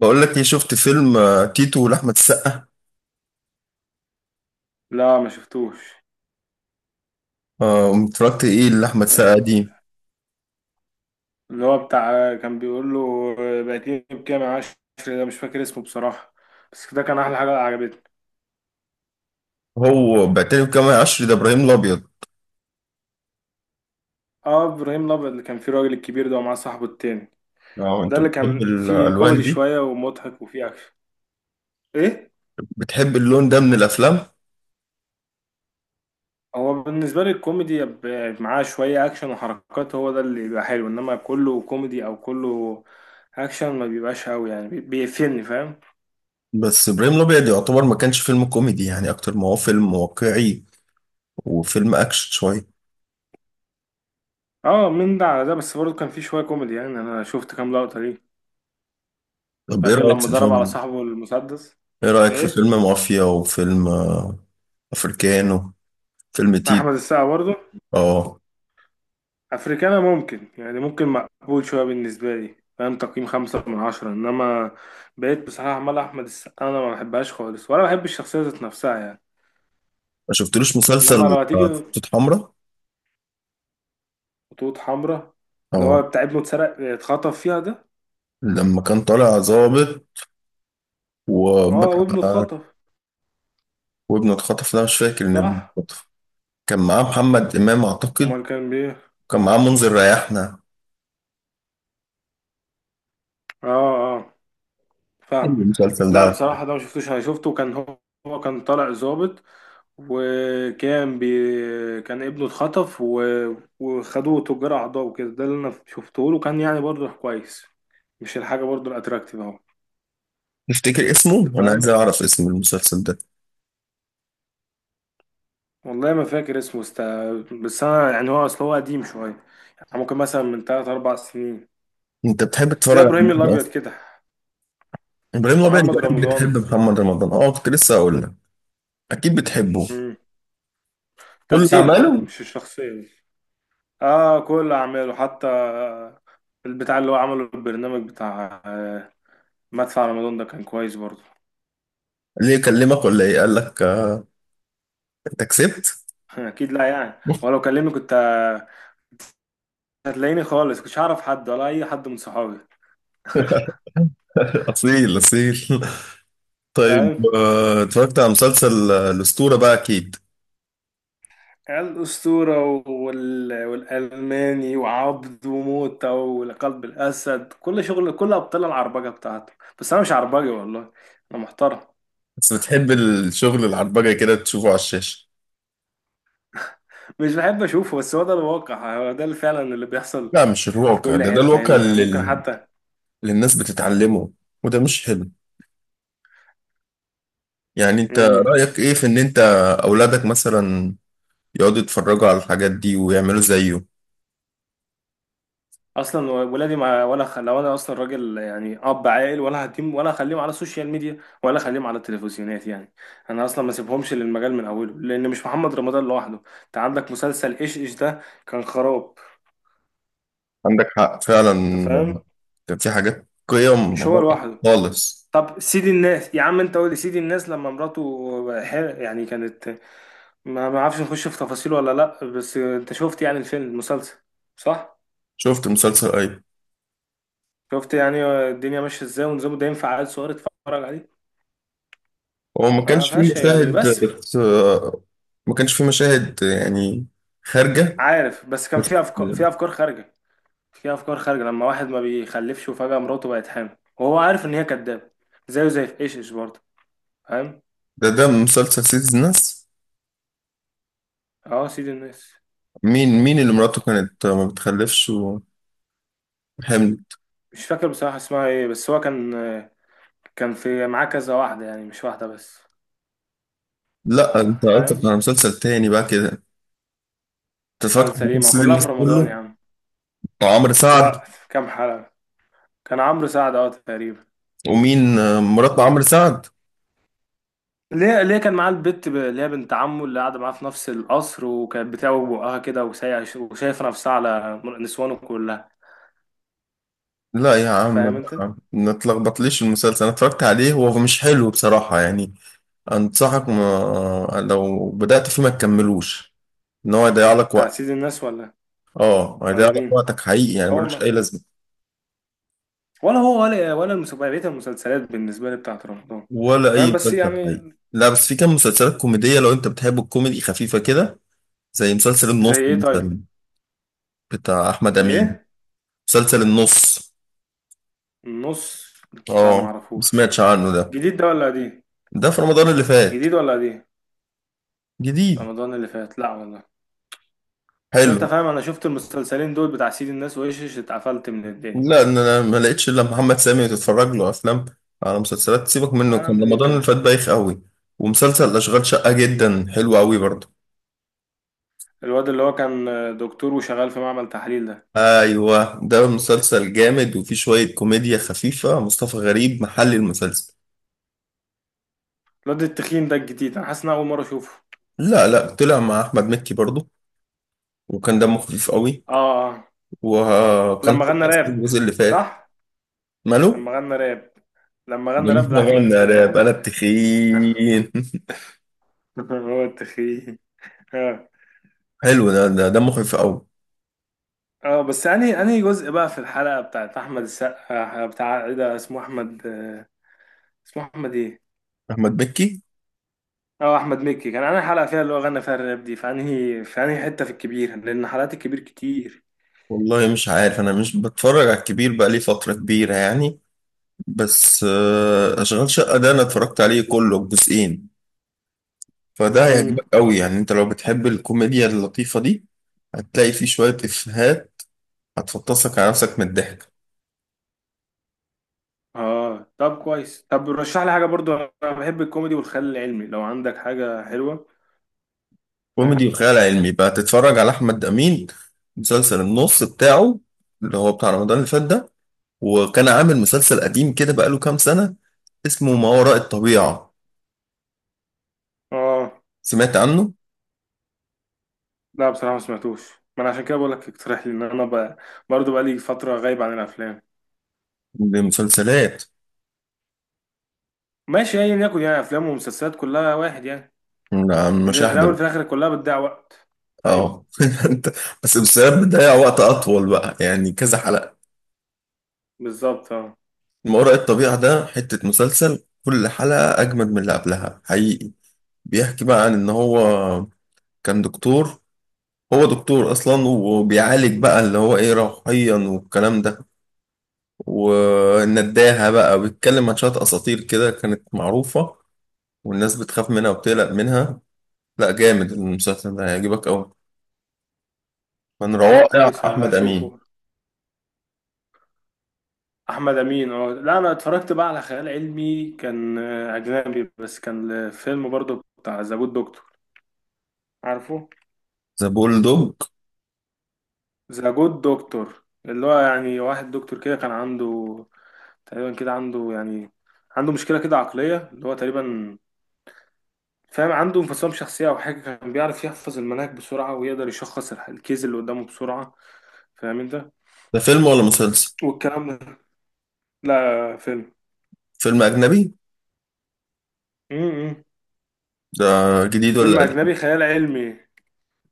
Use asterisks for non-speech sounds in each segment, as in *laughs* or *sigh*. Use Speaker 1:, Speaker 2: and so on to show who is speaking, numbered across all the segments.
Speaker 1: بقول لك ايه، شفت فيلم تيتو لأحمد السقا؟
Speaker 2: لا ما شفتوش.
Speaker 1: قمت اتفرجت ايه لأحمد السقا دي.
Speaker 2: اللي هو بتاع كان بيقول له بقيتيني بكام يا عشري، ده مش فاكر اسمه بصراحة، بس ده كان أحلى حاجة عجبتني.
Speaker 1: هو بعتني بجمال عشري ده ابراهيم الابيض.
Speaker 2: اه، إبراهيم الأبيض اللي كان فيه الراجل الكبير ده ومعاه صاحبه التاني.
Speaker 1: اه،
Speaker 2: ده
Speaker 1: انت
Speaker 2: اللي
Speaker 1: بتحب
Speaker 2: كان فيه
Speaker 1: الالوان
Speaker 2: كوميدي
Speaker 1: دي؟
Speaker 2: شوية ومضحك وفيه أكشن. إيه؟
Speaker 1: بتحب اللون ده من الافلام؟
Speaker 2: هو بالنسبة لي الكوميدي يبقى معاه شوية أكشن وحركات، هو ده اللي بيبقى حلو، إنما كله كوميدي أو كله أكشن ما بيبقاش أوي، يعني بيقفلني، فاهم؟
Speaker 1: بس ابراهيم الابيض يعتبر ما كانش فيلم كوميدي يعني، اكتر ما هو فيلم واقعي وفيلم اكشن شويه.
Speaker 2: اه، من ده على ده، بس برضه كان فيه شوية كوميدي، يعني أنا شفت كام لقطة ليه،
Speaker 1: طب ايه
Speaker 2: فاكر
Speaker 1: رايك
Speaker 2: لما
Speaker 1: في
Speaker 2: ضرب على
Speaker 1: فيلم،
Speaker 2: صاحبه المسدس.
Speaker 1: ايه رايك في فيلم
Speaker 2: ايه،
Speaker 1: مافيا وفيلم افريكانو، فيلم تيتو؟
Speaker 2: احمد السقا برضه.
Speaker 1: اه.
Speaker 2: افريكانا ممكن، يعني ممكن مقبول شويه بالنسبه لي، فاهم، تقييم خمسة من عشرة، انما بقيت بصراحه عمال احمد السقا انا ما بحبهاش خالص، ولا بحب الشخصيه ذات نفسها يعني.
Speaker 1: ما شفتلوش
Speaker 2: انما
Speaker 1: مسلسل
Speaker 2: لو هتيجي
Speaker 1: خطوط حمراء؟
Speaker 2: خطوط حمراء، اللي
Speaker 1: اه،
Speaker 2: هو بتاع ابنه اتسرق، اتخطف فيها ده.
Speaker 1: لما كان طالع ظابط
Speaker 2: اه،
Speaker 1: وبقى.
Speaker 2: وابنه اتخطف.
Speaker 1: وابنه اتخطف؟ لا، مش فاكر ان ابنه
Speaker 2: صح،
Speaker 1: اتخطف. كان معاه محمد امام اعتقد.
Speaker 2: امال كان بيه.
Speaker 1: كان معاه منذر ريحنا.
Speaker 2: اه، اه، فاهم.
Speaker 1: حلو المسلسل ده
Speaker 2: لا
Speaker 1: على فكرة.
Speaker 2: بصراحه ده ما شفتوش، انا شفته كان هو، هو كان طالع ظابط، كان ابنه اتخطف وخدوه تجار اعضاء وكده، ده اللي انا شفته له كان يعني برضه كويس، مش الحاجه برضه الاتراكتيف اهو.
Speaker 1: تفتكر اسمه؟
Speaker 2: انت
Speaker 1: انا عايز
Speaker 2: فاهم؟
Speaker 1: اعرف اسم المسلسل ده.
Speaker 2: والله ما فاكر اسمه. بس انا يعني هو اصل هو قديم شويه، يعني ممكن مثلا من 3 4 سنين
Speaker 1: انت بتحب تتفرج
Speaker 2: زي
Speaker 1: على
Speaker 2: ابراهيم
Speaker 1: مين
Speaker 2: الابيض
Speaker 1: اصلا؟
Speaker 2: كده.
Speaker 1: ابراهيم الابيض
Speaker 2: محمد
Speaker 1: يبقى اكيد بتحب
Speaker 2: رمضان.
Speaker 1: محمد رمضان، اه كنت لسه هقول لك. اكيد بتحبه.
Speaker 2: مم.
Speaker 1: كل
Speaker 2: تمثيل،
Speaker 1: اعماله.
Speaker 2: مش الشخصيه دي. اه كل اعماله حتى، البتاع اللي هو عمله البرنامج بتاع مدفع رمضان ده كان كويس برضه.
Speaker 1: ليه يكلمك ولا ايه؟ قال لك انت كسبت؟
Speaker 2: *laughs* اكيد لا يعني، ولو كلمني كنت هتلاقيني خالص، كنتش هعرف حد ولا اي حد من صحابي،
Speaker 1: *laughs* اصيل اصيل. طيب
Speaker 2: فاهم.
Speaker 1: اتفرجت على مسلسل الاسطوره بقى اكيد؟
Speaker 2: الاسطوره والالماني وعبد وموتة وقلب الاسد، كل شغل، كل ابطال العربجه بتاعته. بس انا مش عربجي والله، انا محترم.
Speaker 1: بس بتحب الشغل العربجه كده تشوفه على الشاشه؟
Speaker 2: مش بحب اشوفه، بس هو ده الواقع، هو ده اللي فعلا اللي بيحصل
Speaker 1: لا، مش
Speaker 2: في
Speaker 1: الواقع
Speaker 2: كل
Speaker 1: ده، ده
Speaker 2: حته
Speaker 1: الواقع
Speaker 2: هنا يعني.
Speaker 1: اللي
Speaker 2: ممكن
Speaker 1: اللي
Speaker 2: حتى.
Speaker 1: الناس بتتعلمه، وده مش حلو. يعني انت
Speaker 2: مم.
Speaker 1: رأيك ايه في ان انت اولادك مثلا يقعدوا يتفرجوا على الحاجات دي ويعملوا زيه؟
Speaker 2: اصلا ولادي ما ولا خ... لو انا اصلا راجل يعني اب عاقل، ولا هديم ولا اخليهم على السوشيال ميديا، ولا اخليهم على التلفزيونات يعني. انا اصلا ما سيبهمش للمجال من اوله، لان مش محمد رمضان لوحده، انت عندك مسلسل ايش ايش ده، كان خراب.
Speaker 1: عندك حق فعلا.
Speaker 2: انت فاهم؟
Speaker 1: كان في حاجات قيم
Speaker 2: مش هو
Speaker 1: غلط
Speaker 2: لوحده.
Speaker 1: خالص.
Speaker 2: طب سيدي الناس، يا عم انت قول لي سيدي الناس، لما مراته يعني كانت، ما اعرفش نخش في تفاصيل ولا لا، بس انت شفت يعني الفيلم المسلسل؟ صح.
Speaker 1: شفت مسلسل ايه؟
Speaker 2: شفت يعني الدنيا ماشيه ازاي ونظامه، ده ينفع عيل صغير يتفرج عليه؟
Speaker 1: هو ما
Speaker 2: ما
Speaker 1: كانش فيه
Speaker 2: فيهاش يعني،
Speaker 1: مشاهد
Speaker 2: بس
Speaker 1: بس، ما كانش فيه مشاهد يعني خارجة
Speaker 2: عارف بس كان
Speaker 1: بس.
Speaker 2: في افكار، في افكار خارجه. في افكار خارجه، لما واحد ما بيخلفش وفجاه مراته بقت حامل وهو عارف ان هي كدابه، زيه زي في ايش ايش برضه، فاهم.
Speaker 1: ده مسلسل سيد الناس.
Speaker 2: اه سيد الناس.
Speaker 1: مين، مين اللي مراته كانت ما بتخلفش وحمل؟
Speaker 2: مش فاكر بصراحه اسمها ايه، بس هو كان، كان في معاه كذا واحده يعني، مش واحده بس.
Speaker 1: لا، انت قصدك
Speaker 2: فاهم.
Speaker 1: على مسلسل تاني بقى كده انت. اتفرجت على
Speaker 2: مسلسل ايه؟ ما
Speaker 1: مسلسل
Speaker 2: كلها
Speaker 1: الناس
Speaker 2: في رمضان يا
Speaker 1: كله؟
Speaker 2: عم.
Speaker 1: عمرو سعد؟
Speaker 2: لا. كام حلقه؟ كان عمرو سعد اه تقريبا.
Speaker 1: ومين مرات عمرو سعد؟
Speaker 2: ليه ليه كان معاه البت اللي هي بنت عمه اللي قاعده معاه في نفس القصر، وكانت بتعوج بقها كده وشايفه نفسها على نسوانه كلها.
Speaker 1: لا يا عم
Speaker 2: فاهم انت؟
Speaker 1: بقى، ما تلخبطليش المسلسل، انا اتفرجت عليه، هو مش حلو بصراحة يعني. انصحك ما لو بدأت فيه ما تكملوش، ان هو هيضيع لك
Speaker 2: بتاع
Speaker 1: وقت.
Speaker 2: سيد الناس ولا،
Speaker 1: اه، هيضيع
Speaker 2: ولا
Speaker 1: لك
Speaker 2: مين؟
Speaker 1: وقتك حقيقي يعني،
Speaker 2: هو
Speaker 1: ملوش
Speaker 2: ما
Speaker 1: اي لازمة،
Speaker 2: ولا هو ولا بقية المسلسلات بالنسبة لي بتاعت رمضان.
Speaker 1: ولا اي
Speaker 2: فاهم بس
Speaker 1: مسلسل حقيقي.
Speaker 2: يعني.
Speaker 1: لا بس في كام مسلسلات كوميدية لو انت بتحب الكوميدي خفيفة كده، زي مسلسل
Speaker 2: زي
Speaker 1: النص
Speaker 2: ايه طيب؟
Speaker 1: مثلا، بتاع احمد امين.
Speaker 2: الايه؟
Speaker 1: مسلسل النص.
Speaker 2: النص؟ لا
Speaker 1: اه. ما
Speaker 2: معرفوش.
Speaker 1: سمعتش عنه ده؟
Speaker 2: جديد ده ولا قديم؟
Speaker 1: ده في رمضان اللي فات.
Speaker 2: جديد ولا قديم؟
Speaker 1: جديد.
Speaker 2: رمضان اللي فات؟ لا والله. بس
Speaker 1: حلو.
Speaker 2: انت فاهم انا شفت المسلسلين دول بتاع سيد الناس وايش، اتقفلت من الدنيا.
Speaker 1: لا، ان انا ما لقيتش الا محمد سامي تتفرج له افلام على مسلسلات، سيبك منه، كان
Speaker 2: هنعمل ايه
Speaker 1: رمضان اللي
Speaker 2: طيب؟
Speaker 1: فات بايخ قوي. ومسلسل اشغال شقة جدا حلو قوي برضه.
Speaker 2: الواد اللي هو كان دكتور وشغال في معمل تحليل ده،
Speaker 1: ايوه، ده مسلسل جامد وفيه شوية كوميديا خفيفة، مصطفى غريب محل المسلسل.
Speaker 2: الواد التخين ده الجديد، انا حاسس ان أنا اول مرة اشوفه.
Speaker 1: لا لا، طلع مع احمد مكي برضه وكان دمه خفيف قوي.
Speaker 2: اه، اه.
Speaker 1: وكان
Speaker 2: لما غنى
Speaker 1: طلع أصلاً
Speaker 2: راب.
Speaker 1: الجزء اللي فات.
Speaker 2: صح.
Speaker 1: ماله؟
Speaker 2: لما غنى راب. لما
Speaker 1: *laughs*
Speaker 2: غنى راب
Speaker 1: لما غنى
Speaker 2: لأحمد
Speaker 1: راب
Speaker 2: دال.
Speaker 1: انا بتخين *laughs*
Speaker 2: *laughs* هو التخين. اه،
Speaker 1: حلو ده، ده مخيف قوي.
Speaker 2: اه. بس انهي جزء بقى في الحلقة بتاعت أحمد السقا، بتاع ايه ده، اسمه أحمد، اسمه أحمد ايه؟
Speaker 1: احمد مكي.
Speaker 2: اه، أحمد مكي كان. أنا حلقة فيها اللي هو غنى فيها الراب دي في انهي، في انهي حتة في الكبير، لأن حلقات الكبير كتير.
Speaker 1: والله مش عارف، انا مش بتفرج على الكبير بقى لي فتره كبيره يعني. بس اشغال شقه ده انا اتفرجت عليه كله الجزئين، فده اه
Speaker 2: امم
Speaker 1: هيعجبك قوي يعني، انت لو بتحب الكوميديا اللطيفه دي هتلاقي فيه شويه افيهات هتفطسك على نفسك من الضحك.
Speaker 2: اه، طب كويس. طب رشح لي حاجة برضو، أنا بحب الكوميدي والخيال العلمي، لو عندك حاجة حلوة،
Speaker 1: كوميدي
Speaker 2: فاهم؟
Speaker 1: وخيال علمي بقى تتفرج على احمد امين، مسلسل النص بتاعه، اللي هو بتاع رمضان اللي فات ده. وكان عامل مسلسل قديم كده بقاله كام سنه، اسمه ما وراء الطبيعه.
Speaker 2: اه،
Speaker 1: سمعت عنه؟
Speaker 2: لا بصراحة ما سمعتوش. ما انا عشان كده بقول لك اقترح لي، ان انا بقى برضه بقى لي فترة غايب عن الافلام.
Speaker 1: دي مسلسلات.
Speaker 2: ماشي، ايا يكن يعني، افلام ومسلسلات كلها واحد يعني،
Speaker 1: لا،
Speaker 2: في في
Speaker 1: مشاهدة
Speaker 2: الاول
Speaker 1: بقى.
Speaker 2: وفي الاخر كلها بتضيع وقت. ايوه
Speaker 1: اه *laughs* انت بس المسلسلات بتضيع وقت اطول بقى يعني، كذا حلقة.
Speaker 2: بالظبط اه.
Speaker 1: ما وراء الطبيعة ده حتة مسلسل، كل حلقة اجمد من اللي قبلها حقيقي. بيحكي بقى عن ان هو كان دكتور، هو دكتور اصلا، وبيعالج بقى اللي هو ايه، روحيا والكلام ده، والنداهة بقى، بيتكلم عن شوية اساطير كده كانت معروفة والناس بتخاف منها وبتقلق منها. لا جامد المسلسل ده، هيعجبك قوي، من
Speaker 2: طب
Speaker 1: روائع
Speaker 2: كويس،
Speaker 1: احمد امين.
Speaker 2: هشوفه. احمد امين اه. لا انا اتفرجت بقى على خيال علمي كان اجنبي، بس كان فيلم برضه بتاع ذا جود دكتور، عارفه.
Speaker 1: ذا بول دوج
Speaker 2: ذا جود دكتور اللي هو يعني واحد دكتور كده كان عنده تقريبا كده، عنده يعني، عنده مشكلة كده عقلية، اللي هو تقريبا فاهم، عنده انفصام شخصية أو حاجة، كان بيعرف يحفظ المناهج بسرعة، ويقدر يشخص الكيس اللي قدامه بسرعة، فاهم أنت
Speaker 1: ده فيلم ولا مسلسل؟
Speaker 2: والكلام ده. لا فيلم.
Speaker 1: فيلم اجنبي
Speaker 2: امم،
Speaker 1: ده؟ جديد ولا
Speaker 2: فيلم
Speaker 1: قديم؟
Speaker 2: أجنبي خيال علمي.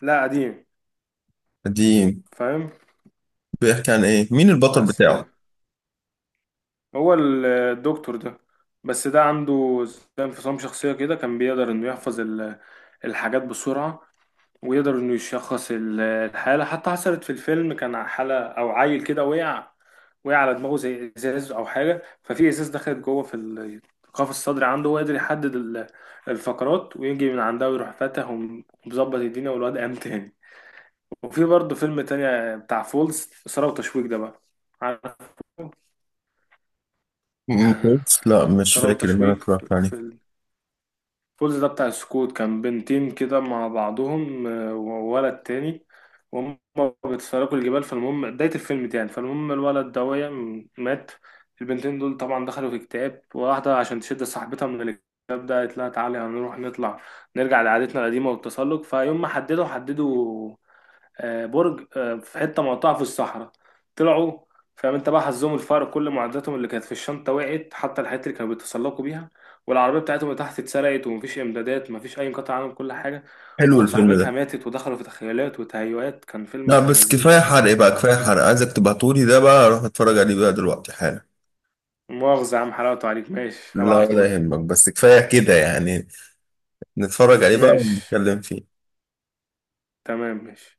Speaker 2: لا قديم.
Speaker 1: قديم.
Speaker 2: فاهم.
Speaker 1: بيحكي عن ايه؟ مين البطل
Speaker 2: بس كده
Speaker 1: بتاعه؟
Speaker 2: هو الدكتور ده، بس ده عنده زي انفصام شخصية كده، كان بيقدر إنه يحفظ الحاجات بسرعة، ويقدر انه يشخص الحالة. حتى حصلت في الفيلم، كان حالة او عيل كده وقع، وقع على دماغه زي ازاز او حاجة، ففي ازاز دخلت جوه في القفص الصدري عنده، وقدر يحدد الفقرات ويجي من عندها، ويروح فاتح ومظبط الدنيا، والواد قام تاني. وفي برضه فيلم تاني بتاع فولز، إثارة وتشويق ده بقى، عارف.
Speaker 1: م- كويس؟ لا مش
Speaker 2: إثارة
Speaker 1: فاكر ان انا
Speaker 2: وتشويق
Speaker 1: اتفرجت عليه.
Speaker 2: في فولز ده بتاع السكوت، كان بنتين كده مع بعضهم وولد تاني، وهم بيتسلقوا الجبال. فالمهم بداية الفيلم يعني، فالمهم الولد ده وقع، مات. البنتين دول طبعا دخلوا في اكتئاب، واحدة عشان تشد صاحبتها من الاكتئاب ده، قالت لها تعالي هنروح نطلع، نرجع لعادتنا القديمة والتسلق. فيوم ما حددوا برج في حته مقطعه في الصحراء، طلعوا، فاهم انت. بقى حظهم الفقر، كل معداتهم اللي كانت في الشنطه وقعت، حتى الحاجات اللي كانوا بيتسلقوا بيها، والعربيه بتاعتهم اللي تحت اتسرقت، ومفيش امدادات، مفيش اي انقطاع عنهم، كل حاجه.
Speaker 1: حلو الفيلم
Speaker 2: وصاحبتها
Speaker 1: ده.
Speaker 2: ماتت ودخلوا في تخيلات وتهيؤات، كان فيلم
Speaker 1: لا
Speaker 2: ابن
Speaker 1: بس
Speaker 2: لذينه.
Speaker 1: كفايه حرق، إيه بقى كفايه حرق، عايزك تبعتولي ده بقى اروح اتفرج عليه بقى دلوقتي حالا.
Speaker 2: مؤاخذه يا عم، حلاوته عليك ماشي،
Speaker 1: لا ولا
Speaker 2: هبعتهولك.
Speaker 1: يهمك، بس كفايه كده يعني، نتفرج عليه بقى
Speaker 2: ماشي
Speaker 1: ونتكلم فيه.
Speaker 2: تمام، ماشي.